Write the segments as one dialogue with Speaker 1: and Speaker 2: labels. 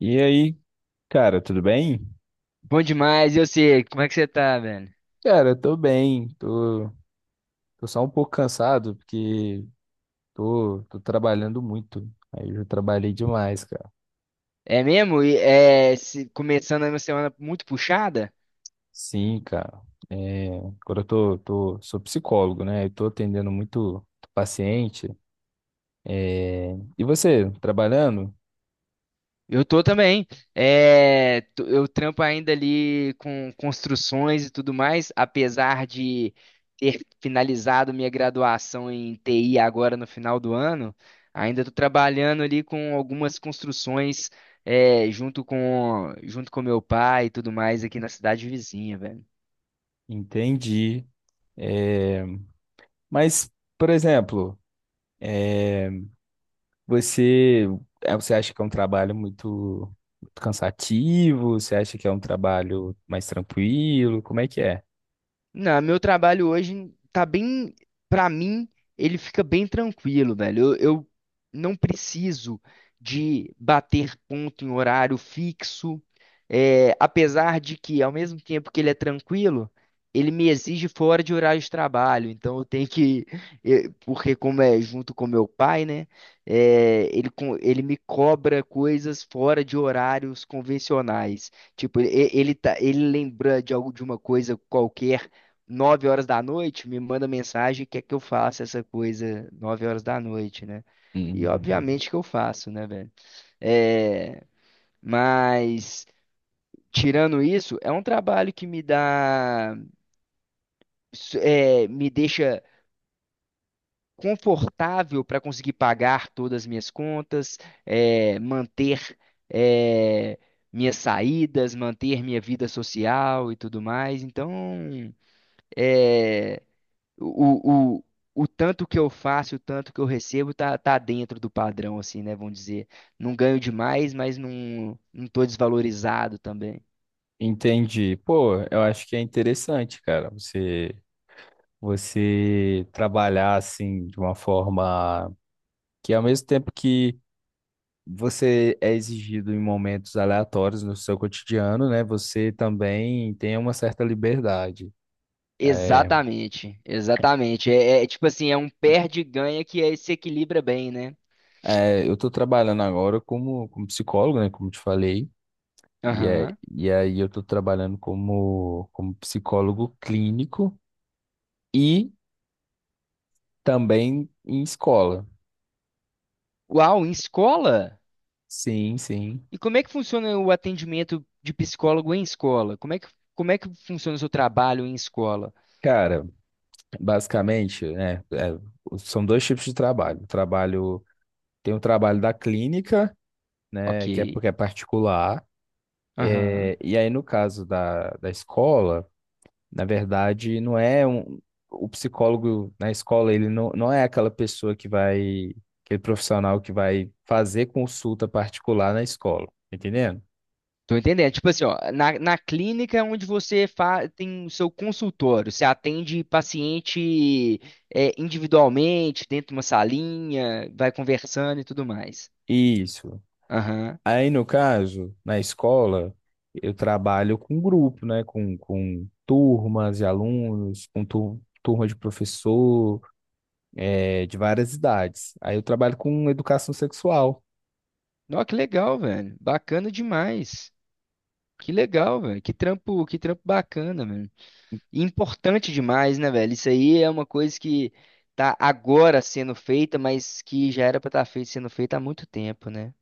Speaker 1: E aí, cara, tudo bem?
Speaker 2: Bom demais, eu sei. Como é que você tá, velho?
Speaker 1: Cara, eu tô bem, tô, só um pouco cansado porque tô trabalhando muito. Aí eu já trabalhei demais, cara.
Speaker 2: É mesmo? E, começando a minha semana muito puxada?
Speaker 1: Sim, cara. É, agora eu tô, sou psicólogo, né? Eu tô atendendo muito paciente. É, e você, trabalhando?
Speaker 2: Eu tô também. É, eu trampo ainda ali com construções e tudo mais, apesar de ter finalizado minha graduação em TI agora no final do ano, ainda tô trabalhando ali com algumas construções, é, junto com meu pai e tudo mais aqui na cidade vizinha, velho.
Speaker 1: Entendi. É, mas, por exemplo, é, você, é, você acha que é um trabalho muito cansativo? Você acha que é um trabalho mais tranquilo? Como é que é?
Speaker 2: Não, meu trabalho hoje tá bem, pra mim, ele fica bem tranquilo, velho. Eu não preciso de bater ponto em horário fixo, é, apesar de que, ao mesmo tempo que ele é tranquilo, ele me exige fora de horário de trabalho. Então eu tenho que, porque como é junto com meu pai, né? É, ele me cobra coisas fora de horários convencionais. Tipo, ele lembra de algo de uma coisa qualquer 9 horas da noite, me manda mensagem, quer que eu faça essa coisa 9 horas da noite, né? E
Speaker 1: Hum.
Speaker 2: obviamente que eu faço, né, velho? É, mas tirando isso, é um trabalho que me dá, me deixa confortável para conseguir pagar todas as minhas contas, é, manter, é, minhas saídas, manter minha vida social e tudo mais. Então, é, o, o, o tanto que eu faço, o tanto que eu recebo, tá dentro do padrão, assim, né? Vamos dizer. Não ganho demais, mas não tô desvalorizado também.
Speaker 1: Entendi. Pô, eu acho que é interessante, cara, você trabalhar assim de uma forma que, ao mesmo tempo que você é exigido em momentos aleatórios no seu cotidiano, né, você também tem uma certa liberdade. É,
Speaker 2: Exatamente, exatamente. É, é tipo assim, é um perde e ganha que se equilibra bem, né?
Speaker 1: é, eu estou trabalhando agora como, como psicólogo, né, como te falei, e, é,
Speaker 2: Aham.
Speaker 1: e aí eu estou trabalhando como, como psicólogo clínico e também em escola.
Speaker 2: Uau, em escola?
Speaker 1: Sim, sim.
Speaker 2: E como é que funciona o atendimento de psicólogo em escola? Como é que funciona o seu trabalho em escola?
Speaker 1: Cara, basicamente, né, é, são dois tipos de trabalho. Trabalho, tem o trabalho da clínica, né, que é
Speaker 2: Ok.
Speaker 1: porque é particular,
Speaker 2: Aham.
Speaker 1: é, e aí no caso da escola. Na verdade, não é um, o psicólogo na escola, ele não, não é aquela pessoa que vai, aquele profissional que vai fazer consulta particular na escola, tá entendendo?
Speaker 2: Tô entendendo. Tipo assim, ó, na clínica é onde você tem o seu consultório, você atende paciente é, individualmente, dentro de uma salinha, vai conversando e tudo mais.
Speaker 1: Isso.
Speaker 2: Aham.
Speaker 1: Aí, no caso, na escola, eu trabalho com grupo, né? Com turmas de alunos, com turma de professor, de várias idades. Aí eu trabalho com educação sexual.
Speaker 2: Nossa, que legal, velho. Bacana demais. Que legal, velho. Que trampo bacana, velho. E importante demais, né, velho? Isso aí é uma coisa que tá agora sendo feita, mas que já era pra estar feita, sendo feita há muito tempo, né?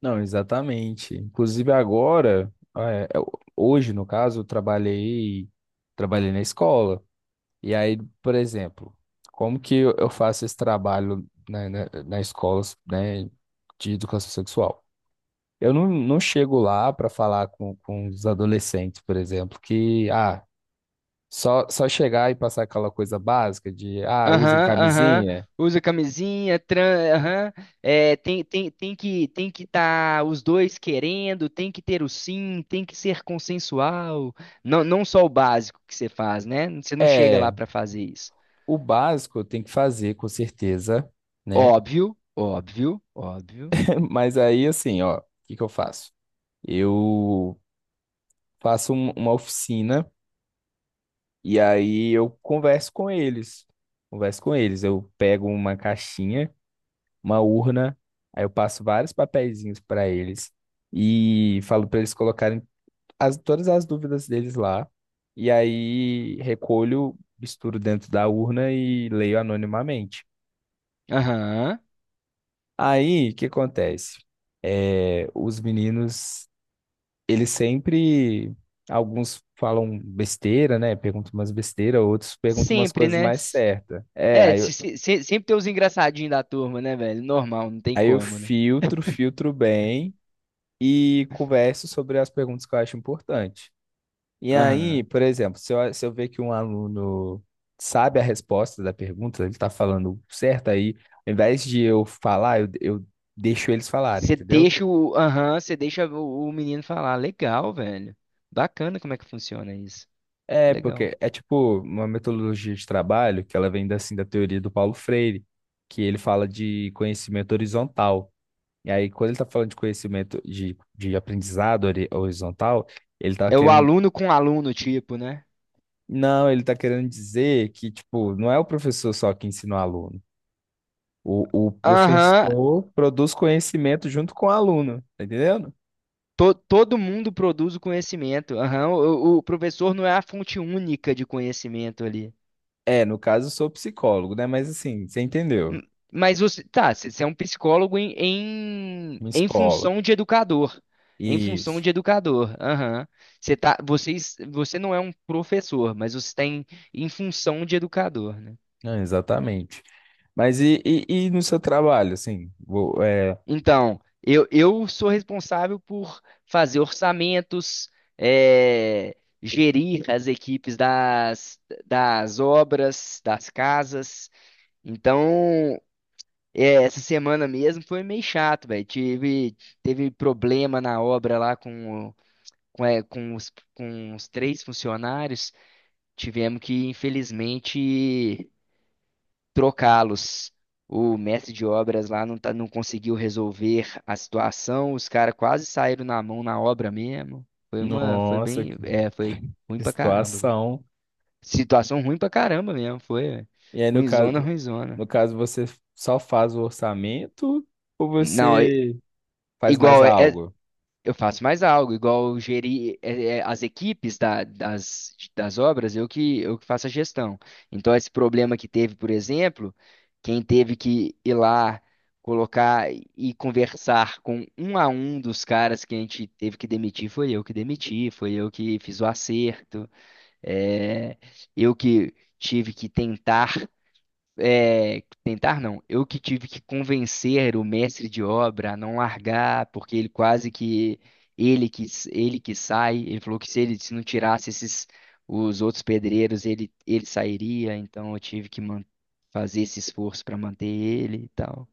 Speaker 1: Não, exatamente. Inclusive agora, é, é, hoje no caso, eu trabalhei, trabalhei na escola. E aí, por exemplo, como que eu faço esse trabalho na, na, na escola, né, de educação sexual? Eu não, não chego lá para falar com os adolescentes, por exemplo, que ah, só chegar e passar aquela coisa básica de ah, usem
Speaker 2: Aham, aham.
Speaker 1: camisinha.
Speaker 2: Usa camisinha, aham. É, tem que estar os dois querendo, tem que ter o sim, tem que ser consensual. Não, não só o básico que você faz, né? Você não chega lá
Speaker 1: É,
Speaker 2: para fazer isso.
Speaker 1: o básico eu tenho que fazer, com certeza, né?
Speaker 2: Óbvio, óbvio, óbvio.
Speaker 1: Mas aí, assim, ó, o que que eu faço? Eu uma oficina e aí eu converso com eles. Converso com eles. Eu pego uma caixinha, uma urna, aí eu passo vários papeizinhos para eles e falo para eles colocarem as, todas as dúvidas deles lá. E aí recolho, misturo dentro da urna e leio anonimamente.
Speaker 2: Aham.
Speaker 1: Aí, o que acontece? É, os meninos ele sempre. Alguns falam besteira, né? Perguntam umas besteiras, outros perguntam umas
Speaker 2: Sempre,
Speaker 1: coisas
Speaker 2: né?
Speaker 1: mais certas. É,
Speaker 2: É, sempre tem os engraçadinhos da turma, né, velho? Normal, não tem
Speaker 1: aí eu
Speaker 2: como, né?
Speaker 1: filtro, filtro bem e converso sobre as perguntas que eu acho importante. E aí,
Speaker 2: Aham.
Speaker 1: por exemplo, se eu ver que um aluno sabe a resposta da pergunta, ele tá falando certo, aí, ao invés de eu falar, eu deixo eles falarem,
Speaker 2: Você
Speaker 1: entendeu?
Speaker 2: deixa o, aham, o menino falar. Legal, velho. Bacana como é que funciona isso.
Speaker 1: É,
Speaker 2: Legal.
Speaker 1: porque é tipo uma metodologia de trabalho que ela vem assim da teoria do Paulo Freire, que ele fala de conhecimento horizontal. E aí, quando ele tá falando de conhecimento de aprendizado horizontal, ele tá
Speaker 2: É o
Speaker 1: querendo.
Speaker 2: aluno com aluno, tipo, né?
Speaker 1: Não, ele tá querendo dizer que, tipo, não é o professor só que ensina o aluno. O
Speaker 2: Aham.
Speaker 1: professor produz conhecimento junto com o aluno, tá entendendo?
Speaker 2: Todo mundo produz o conhecimento. Aham. O professor não é a fonte única de conhecimento ali.
Speaker 1: É, no caso, eu sou psicólogo, né? Mas assim, você
Speaker 2: Hum.
Speaker 1: entendeu?
Speaker 2: Mas você, tá, você é um psicólogo em,
Speaker 1: Minha
Speaker 2: em
Speaker 1: escola.
Speaker 2: função de educador. Em função
Speaker 1: Isso.
Speaker 2: de educador. Aham. Você tá, vocês, você não é um professor, mas você tem em função de educador, né?
Speaker 1: Não, exatamente. Mas e no seu trabalho, assim? Vou, é,
Speaker 2: Então, eu sou responsável por fazer orçamentos, é, gerir as equipes das obras, das casas. Então, é, essa semana mesmo foi meio chato, velho. Teve problema na obra lá com, é, com os 3 funcionários. Tivemos que, infelizmente, trocá-los. O mestre de obras lá não, tá, não conseguiu resolver a situação, os caras quase saíram na mão na obra mesmo. Foi uma, foi
Speaker 1: nossa,
Speaker 2: bem, é, foi ruim
Speaker 1: que
Speaker 2: pra caramba, velho.
Speaker 1: situação.
Speaker 2: Situação ruim pra caramba mesmo, foi, velho.
Speaker 1: E aí, no
Speaker 2: Ruinzona,
Speaker 1: caso,
Speaker 2: ruinzona.
Speaker 1: você só faz o orçamento ou
Speaker 2: Não, é-
Speaker 1: você faz mais
Speaker 2: igual, é,
Speaker 1: algo?
Speaker 2: Eu faço mais algo, igual gerir as equipes das obras, eu que faço a gestão. Então, esse problema que teve, por exemplo, quem teve que ir lá colocar e conversar com um a um dos caras que a gente teve que demitir, foi eu que demiti, foi eu que fiz o acerto, é eu que tive que tentar é, tentar não. Eu que tive que convencer o mestre de obra a não largar, porque ele quase que ele que ele que sai, ele falou que se ele se não tirasse esses os outros pedreiros, ele sairia, então eu tive que fazer esse esforço para manter ele e tal.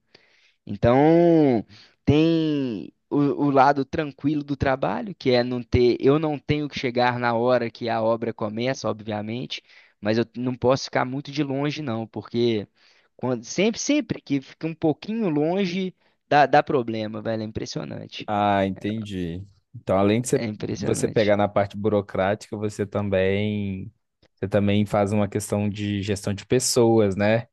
Speaker 2: Então, tem o lado tranquilo do trabalho, que é não ter, eu não tenho que chegar na hora que a obra começa, obviamente, mas eu não posso ficar muito de longe, não, porque sempre que fica um pouquinho longe, dá problema, velho. É impressionante.
Speaker 1: Ah, entendi. Então, além de
Speaker 2: É
Speaker 1: você pegar
Speaker 2: impressionante.
Speaker 1: na parte burocrática, você também faz uma questão de gestão de pessoas, né?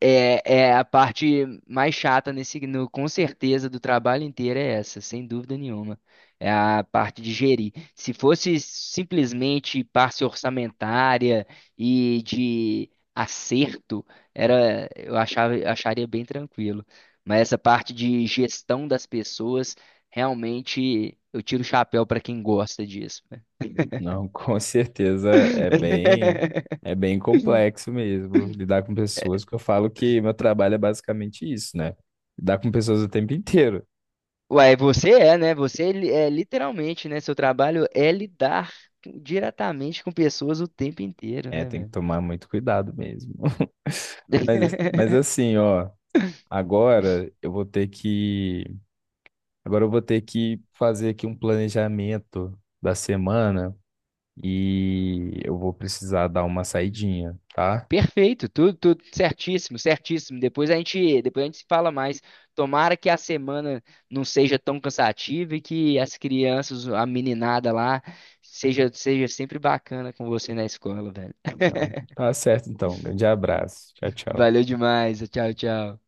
Speaker 2: É, é a parte mais chata nesse, no- com certeza, do trabalho inteiro é essa, sem dúvida nenhuma. É a parte de gerir. Se fosse simplesmente parte orçamentária e de acerto, era, acharia bem tranquilo. Mas essa parte de gestão das pessoas, realmente, eu tiro o chapéu para quem gosta disso, né?
Speaker 1: Não, com certeza é bem complexo mesmo lidar com pessoas, que eu falo que meu trabalho é basicamente isso, né? Lidar com pessoas o tempo inteiro.
Speaker 2: Uai, você é, né? Você é literalmente, né? Seu trabalho é lidar diretamente com pessoas o tempo inteiro,
Speaker 1: É,
Speaker 2: né,
Speaker 1: tem que
Speaker 2: velho?
Speaker 1: tomar muito cuidado mesmo. Mas assim, ó, agora eu vou ter que, agora eu vou ter que fazer aqui um planejamento da semana e eu vou precisar dar uma saidinha, tá?
Speaker 2: Perfeito, tudo, tudo certíssimo, certíssimo. Depois a gente se fala mais. Tomara que a semana não seja tão cansativa e que as crianças, a meninada lá, seja sempre bacana com você na escola, velho.
Speaker 1: Não. Tá certo, então. Grande abraço. Tchau, tchau.
Speaker 2: Valeu demais. Tchau, tchau.